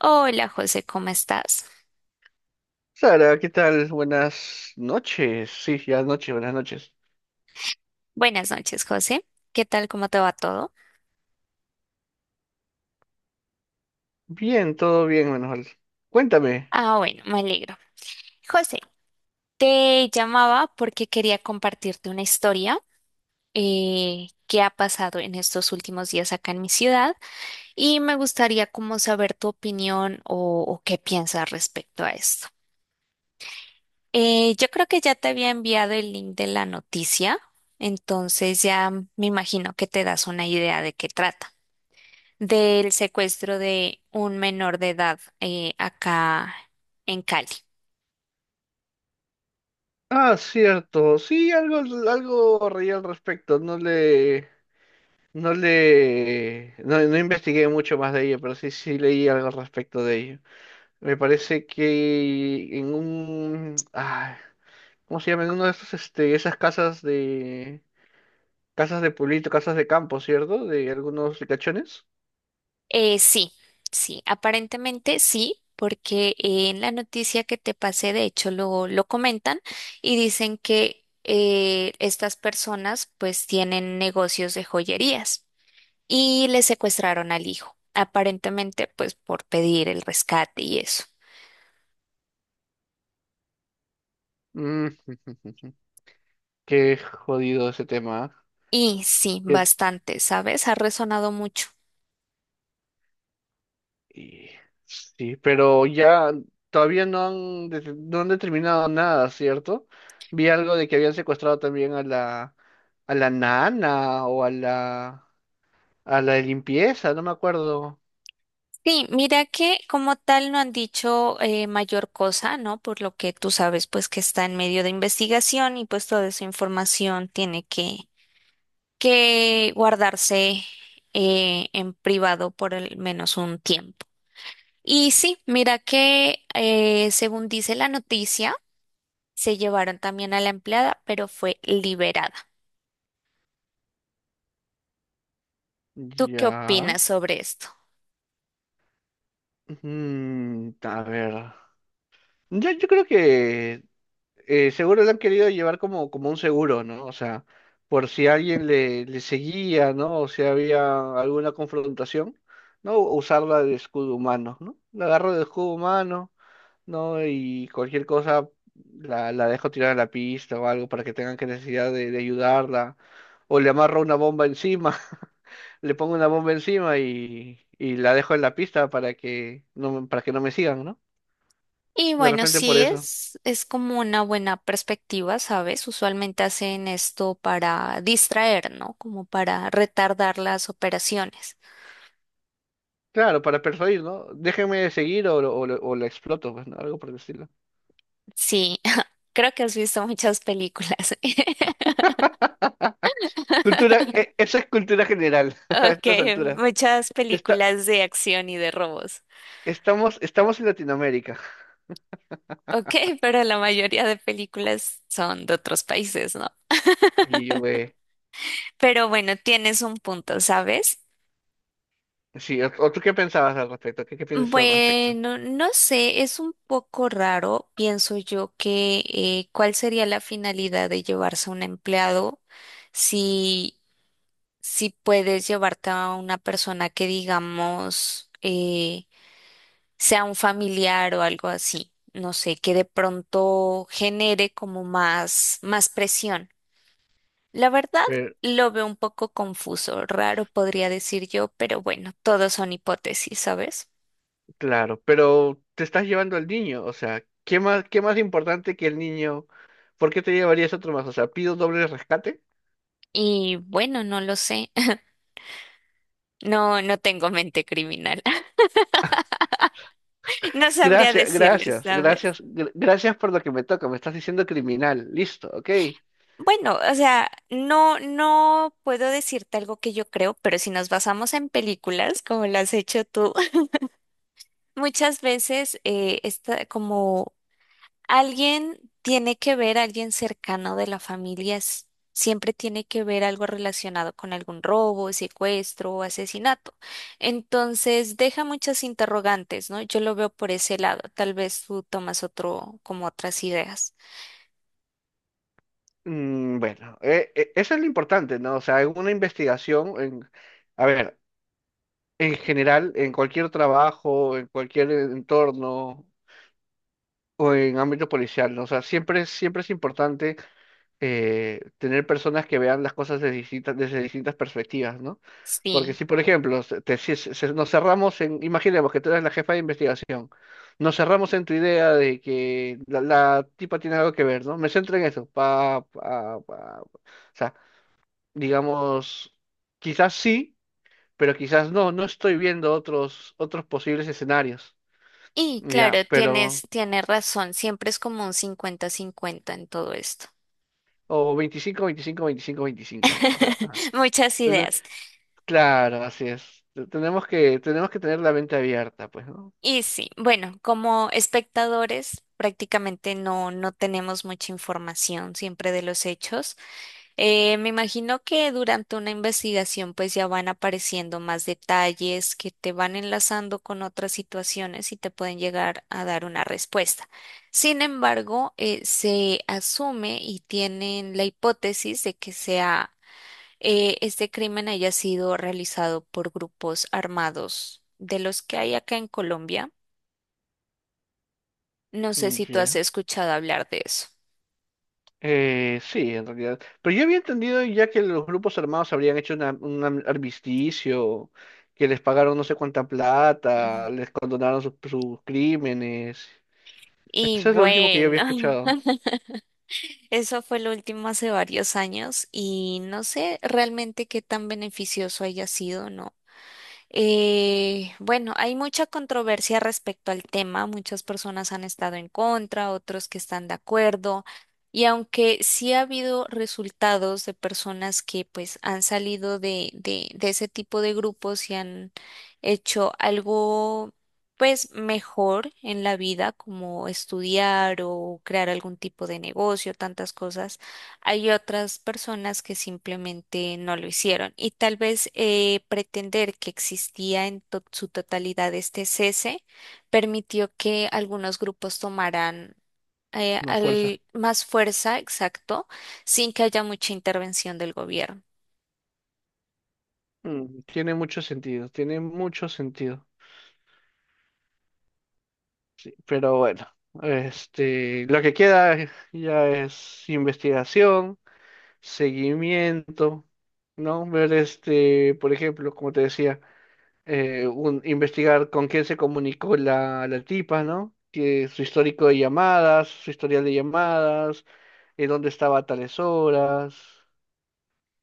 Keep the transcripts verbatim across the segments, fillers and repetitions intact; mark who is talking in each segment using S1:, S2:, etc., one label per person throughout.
S1: Hola José, ¿cómo estás?
S2: Sara, ¿qué tal? Buenas noches. Sí, ya es noche, buenas noches.
S1: Buenas noches, José. ¿Qué tal? ¿Cómo te va todo?
S2: Bien, todo bien, Manuel. Cuéntame.
S1: Ah, bueno, me alegro. José, te llamaba porque quería compartirte una historia eh, que ha pasado en estos últimos días acá en mi ciudad y me gustaría como saber tu opinión o, o qué piensas respecto a esto. Eh, yo creo que ya te había enviado el link de la noticia, entonces ya me imagino que te das una idea de qué trata. Del secuestro de un menor de edad, eh, acá en Cali.
S2: Ah, cierto. Sí, algo, algo reí al respecto. No le, no le, no, no investigué mucho más de ello, pero sí, sí leí algo al respecto de ello. Me parece que en un, ah, ¿cómo se llama? En uno de esos, este, esas casas de, casas de, pueblito, casas de campo, ¿cierto? De algunos ricachones.
S1: Eh, sí, sí, aparentemente sí, porque eh, en la noticia que te pasé, de hecho, lo, lo comentan y dicen que eh, estas personas pues tienen negocios de joyerías y le secuestraron al hijo, aparentemente pues por pedir el rescate y eso.
S2: Mm. Qué jodido ese tema.
S1: Y sí,
S2: Que
S1: bastante, ¿sabes? Ha resonado mucho.
S2: y- sí, pero ya todavía no han, de- no han determinado nada, ¿cierto? Vi algo de que habían secuestrado también a la, a la, nana o a la, a la de limpieza, no me acuerdo.
S1: Sí, mira que como tal no han dicho eh, mayor cosa, ¿no? Por lo que tú sabes, pues que está en medio de investigación y pues toda esa información tiene que, que guardarse eh, en privado por al menos un tiempo. Y sí, mira que eh, según dice la noticia, se llevaron también a la empleada, pero fue liberada. ¿Tú qué
S2: Ya.
S1: opinas sobre esto?
S2: Mm, a ver. Yo, yo creo que eh, seguro lo han querido llevar como, como un seguro, ¿no? O sea, por si alguien le, le seguía, ¿no? O si había alguna confrontación, ¿no? Usarla de escudo humano, ¿no? La agarro de escudo humano, ¿no? Y cualquier cosa la, la dejo tirada a la pista o algo para que tengan que necesidad de, de ayudarla. O le amarro una bomba encima, le pongo una bomba encima y, y la dejo en la pista para que no, me- para que no me sigan, ¿no?
S1: Y
S2: De
S1: bueno,
S2: repente por
S1: sí
S2: eso.
S1: es, es como una buena perspectiva, ¿sabes? Usualmente hacen esto para distraer, ¿no? Como para retardar las operaciones.
S2: Claro, para persuadir, ¿no? Déjenme seguir o, lo- o, lo- o la exploto, pues, ¿no? Algo por el estilo.
S1: Sí, creo que has visto muchas películas.
S2: Cultura, e- eso es cultura general a
S1: Ok,
S2: estas alturas.
S1: muchas
S2: Esta-
S1: películas de acción y de robos.
S2: estamos, estamos en Latinoamérica.
S1: Ok, pero la mayoría de películas son de otros países, ¿no?
S2: Y, güey,
S1: Pero bueno, tienes un punto, ¿sabes?
S2: sí, ¿o, o tú qué pensabas al respecto? ¿Qué, qué piensas al respecto?
S1: Bueno, no sé, es un poco raro, pienso yo, que eh, cuál sería la finalidad de llevarse a un empleado si, si puedes llevarte a una persona que, digamos, eh, sea un familiar o algo así, no sé, que de pronto genere como más, más presión. La verdad,
S2: Pero-
S1: lo veo un poco confuso, raro podría decir yo, pero bueno, todo son hipótesis, ¿sabes?
S2: claro, pero te estás llevando al niño, o sea, ¿qué más, qué más importante que el niño? ¿Por qué te llevarías otro más? O sea, ¿pido doble rescate?
S1: Y bueno, no lo sé. No, no tengo mente criminal. No sabría
S2: Gracias,
S1: decirles,
S2: gracias,
S1: ¿sabes?
S2: gracias, gr- gracias por lo que me toca. Me estás diciendo criminal. Listo, ok.
S1: Bueno, o sea, no, no puedo decirte algo que yo creo, pero si nos basamos en películas, como lo has hecho tú, muchas veces eh, está como. Alguien tiene que ver, alguien cercano de la familia, s- siempre tiene que ver algo relacionado con algún robo, secuestro o asesinato. Entonces, deja muchas interrogantes, ¿no? Yo lo veo por ese lado. Tal vez tú tomas otro, como otras ideas.
S2: Mm, Bueno, eh, eh, eso es lo importante, ¿no? O sea, en una investigación, en, a ver, en general, en cualquier trabajo, en cualquier entorno o en ámbito policial, ¿no? O sea, siempre, siempre es importante eh, tener personas que vean las cosas desde distintas, desde distintas perspectivas, ¿no? Porque
S1: Sí.
S2: si, por ejemplo, se- te- si se- se- nos cerramos en, imaginemos que tú eres la jefa de investigación, nos cerramos en tu idea de que la, la tipa tiene algo que ver, ¿no? Me centro en eso, pa, pa, pa, pa. O sea, digamos, quizás sí, pero quizás no, no estoy viendo otros, otros posibles escenarios,
S1: Y claro,
S2: ya,
S1: tienes,
S2: pero,
S1: tienes razón. Siempre es como un cincuenta cincuenta en todo esto.
S2: o veinticinco veinticinco veinticinco veinticinco, ¿no? O sea,
S1: Muchas
S2: tene-
S1: ideas.
S2: claro, así es. Te- tenemos que, tenemos que tener la mente abierta, pues, ¿no?
S1: Y sí, bueno, como espectadores prácticamente no, no tenemos mucha información siempre de los hechos. Eh, me imagino que durante una investigación pues ya van apareciendo más detalles que te van enlazando con otras situaciones y te pueden llegar a dar una respuesta. Sin embargo, eh, se asume y tienen la hipótesis de que sea eh, este crimen haya sido realizado por grupos armados de los que hay acá en Colombia. No sé
S2: Mm,
S1: si tú has
S2: ya.
S1: escuchado hablar de eso.
S2: Eh, sí, en realidad. Pero yo había entendido ya que los grupos armados habrían hecho una- un am- armisticio, que les pagaron no sé cuánta plata,
S1: Ujú.
S2: les condonaron sus sus crímenes.
S1: Y
S2: Eso es lo último que yo había
S1: bueno,
S2: escuchado.
S1: eso fue lo último hace varios años y no sé realmente qué tan beneficioso haya sido, ¿no? Eh, bueno, hay mucha controversia respecto al tema. Muchas personas han estado en contra, otros que están de acuerdo. Y aunque sí ha habido resultados de personas que pues han salido de, de, de ese tipo de grupos y han hecho algo pues mejor en la vida, como estudiar o crear algún tipo de negocio, tantas cosas. Hay otras personas que simplemente no lo hicieron y tal vez eh, pretender que existía en to- su totalidad este cese permitió que algunos grupos tomaran eh,
S2: Una fuerza.
S1: al- más fuerza, exacto, sin que haya mucha intervención del gobierno.
S2: Mm, tiene mucho sentido, tiene mucho sentido. Pero bueno, este, lo que queda ya es investigación, seguimiento, ¿no? Ver, este, por ejemplo, como te decía, eh, un, investigar con quién se comunicó la, la tipa, ¿no? Que su histórico de llamadas, su historial de llamadas, en dónde estaba a tales horas,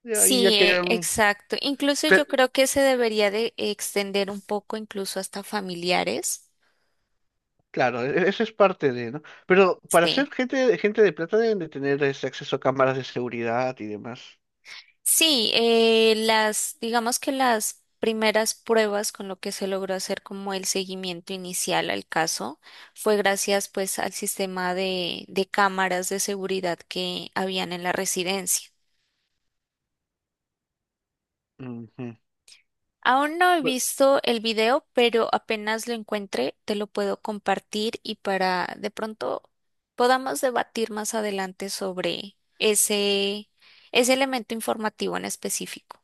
S2: ya- y ya
S1: Sí, eh,
S2: quedan.
S1: exacto. Incluso yo creo que se debería de extender un poco incluso hasta familiares.
S2: Claro, e- eso es parte de, ¿no? Pero para
S1: Sí.
S2: ser gente, gente de plata deben de tener ese acceso a cámaras de seguridad y demás.
S1: Sí, eh, las, digamos que las primeras pruebas con lo que se logró hacer como el seguimiento inicial al caso fue gracias pues al sistema de, de cámaras de seguridad que habían en la residencia.
S2: Ujú.
S1: Aún no he
S2: Bu-
S1: visto el video, pero apenas lo encuentre te lo puedo compartir y para de pronto podamos debatir más adelante sobre ese, ese elemento informativo en específico.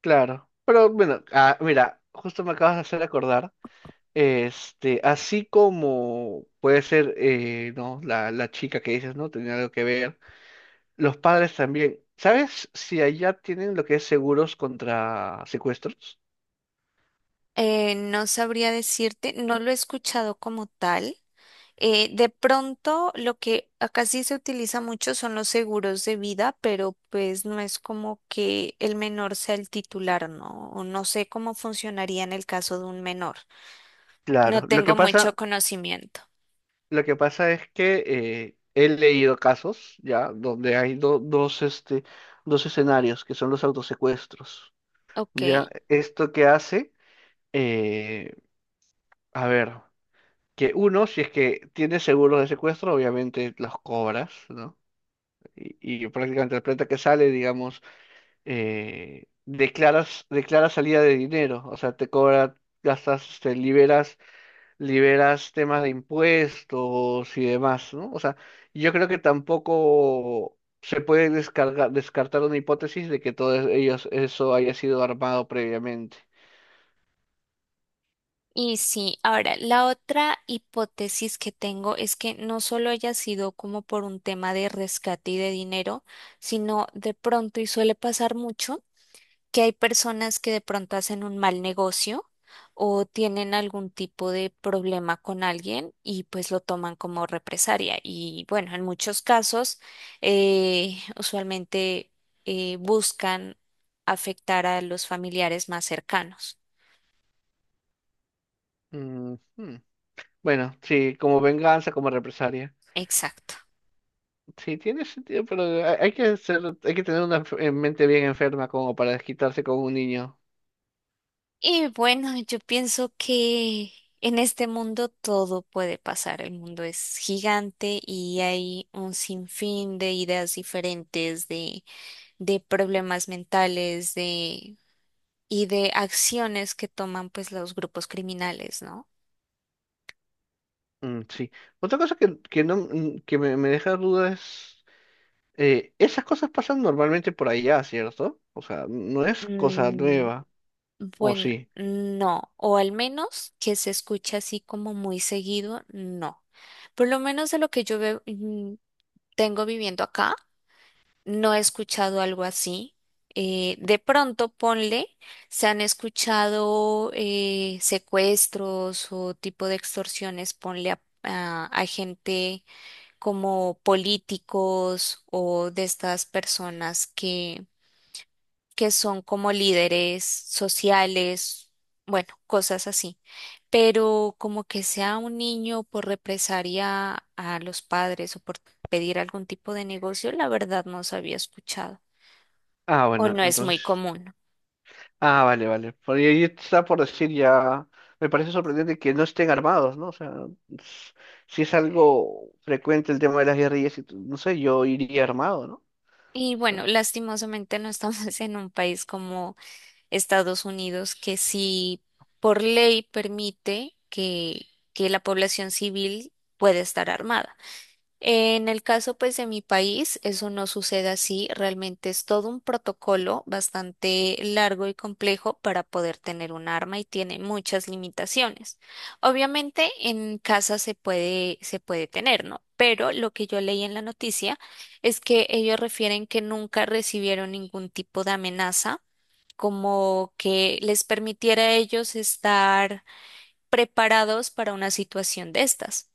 S2: Claro. Pero bueno, ah, mira, justo me acabas de hacer acordar, este, así como puede ser, eh, ¿no? La, la chica que dices, ¿no? Tenía algo que ver. Los padres también. ¿Sabes si allá tienen lo que es seguros contra secuestros?
S1: Eh, no sabría decirte, no lo he escuchado como tal. Eh, de pronto, lo que acá sí se utiliza mucho son los seguros de vida, pero pues no es como que el menor sea el titular, ¿no? O no sé cómo funcionaría en el caso de un menor. No
S2: Claro. Lo
S1: tengo
S2: que
S1: mucho
S2: pasa...
S1: conocimiento.
S2: Lo que pasa es que eh, he leído casos ya donde hay do- dos, este, dos escenarios que son los autosecuestros. Ya,
S1: Ok.
S2: esto que hace, eh, a ver, que uno, si es que tiene seguros de secuestro, obviamente los cobras, ¿no? Y, y prácticamente la plata que sale, digamos, eh, declaras, declaras salida de dinero, o sea, te cobra, gastas, te liberas liberas temas de impuestos y demás, ¿no? O sea, yo creo que tampoco se puede descarga- descartar una hipótesis de que todo es- ellos, eso haya sido armado previamente.
S1: Y sí, ahora, la otra hipótesis que tengo es que no solo haya sido como por un tema de rescate y de dinero, sino de pronto, y suele pasar mucho, que hay personas que de pronto hacen un mal negocio o tienen algún tipo de problema con alguien y pues lo toman como represalia. Y bueno, en muchos casos eh, usualmente eh, buscan afectar a los familiares más cercanos.
S2: Mm, hmm. Bueno, sí, como venganza, como represalia.
S1: Exacto.
S2: Sí, tiene sentido, pero hay hay que ser, hay que tener una enf- eh, mente bien enferma como para desquitarse con un niño.
S1: Y bueno, yo pienso que en este mundo todo puede pasar. El mundo es gigante y hay un sinfín de ideas diferentes, de de problemas mentales, de, y de acciones que toman pues los grupos criminales, ¿no?
S2: Mm, sí. Otra cosa que, que no, mm, que me, me deja dudas. Eh, esas cosas pasan normalmente por allá, ¿cierto? O sea, no es cosa
S1: Mm,
S2: nueva, ¿o
S1: bueno,
S2: sí?
S1: no, o al menos que se escucha así como muy seguido, no. Por lo menos de lo que yo veo, mm, tengo viviendo acá, no he escuchado algo así. Eh, de pronto, ponle, se han escuchado eh, secuestros o tipo de extorsiones, ponle a, a a gente como políticos o de estas personas que, que son como líderes sociales, bueno, cosas así. Pero como que sea un niño por represalia a los padres o por pedir algún tipo de negocio, la verdad no se había escuchado
S2: Ah,
S1: o
S2: bueno,
S1: no es muy
S2: entonces...
S1: común.
S2: Ah, vale, vale. Por ahí está por decir ya... Me parece sorprendente que no estén armados, ¿no? O sea, s- si es algo frecuente el tema de las guerrillas, y t- no sé, yo iría armado, ¿no? O
S1: Y
S2: sea,
S1: bueno, lastimosamente no estamos en un país como Estados Unidos que sí por ley permite que, que la población civil puede estar armada. En el caso pues de mi país, eso no sucede así, realmente es todo un protocolo bastante largo y complejo para poder tener un arma y tiene muchas limitaciones. Obviamente en casa se puede, se puede tener, ¿no? Pero lo que yo leí en la noticia es que ellos refieren que nunca recibieron ningún tipo de amenaza como que les permitiera a ellos estar preparados para una situación de estas.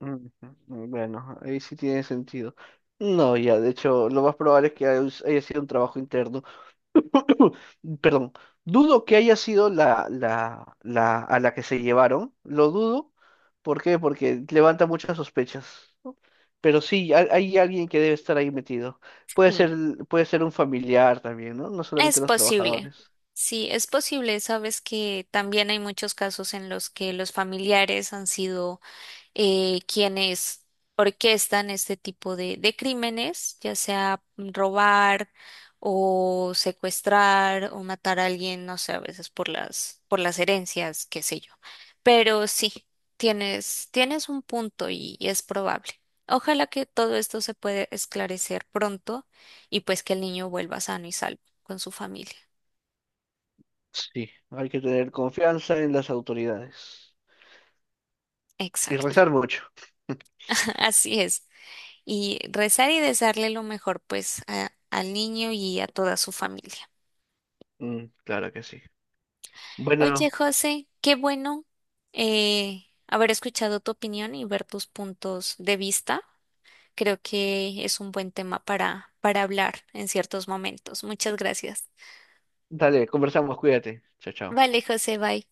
S2: ujú, bueno, ahí sí tiene sentido. No, ya, de hecho, lo más probable es que haya haya sido un trabajo interno. Perdón, dudo que haya sido la, la, la a la que se llevaron, lo dudo. ¿Por qué? Porque levanta muchas sospechas, ¿no? Pero sí, hay, hay alguien que debe estar ahí metido. Puede ser,
S1: Sí,
S2: puede ser un familiar también, ¿no? No solamente
S1: es
S2: los
S1: posible.
S2: trabajadores.
S1: Sí, es posible. Sabes que también hay muchos casos en los que los familiares han sido eh, quienes orquestan este tipo de, de crímenes, ya sea robar o secuestrar o matar a alguien, no sé, a veces por las, por las herencias, qué sé yo. Pero sí, tienes, tienes un punto y, y es probable. Ojalá que todo esto se pueda esclarecer pronto y pues que el niño vuelva sano y salvo con su familia.
S2: Sí, hay que tener confianza en las autoridades y
S1: Exacto,
S2: rezar mucho.
S1: así es. Y rezar y desearle lo mejor pues a- al niño y a toda su familia.
S2: Mm, claro que sí.
S1: Oye,
S2: Bueno,
S1: José, qué bueno eh, haber escuchado tu opinión y ver tus puntos de vista. Creo que es un buen tema para, para hablar en ciertos momentos. Muchas gracias.
S2: dale, conversamos, cuídate. Chao, chao.
S1: Vale, José, bye.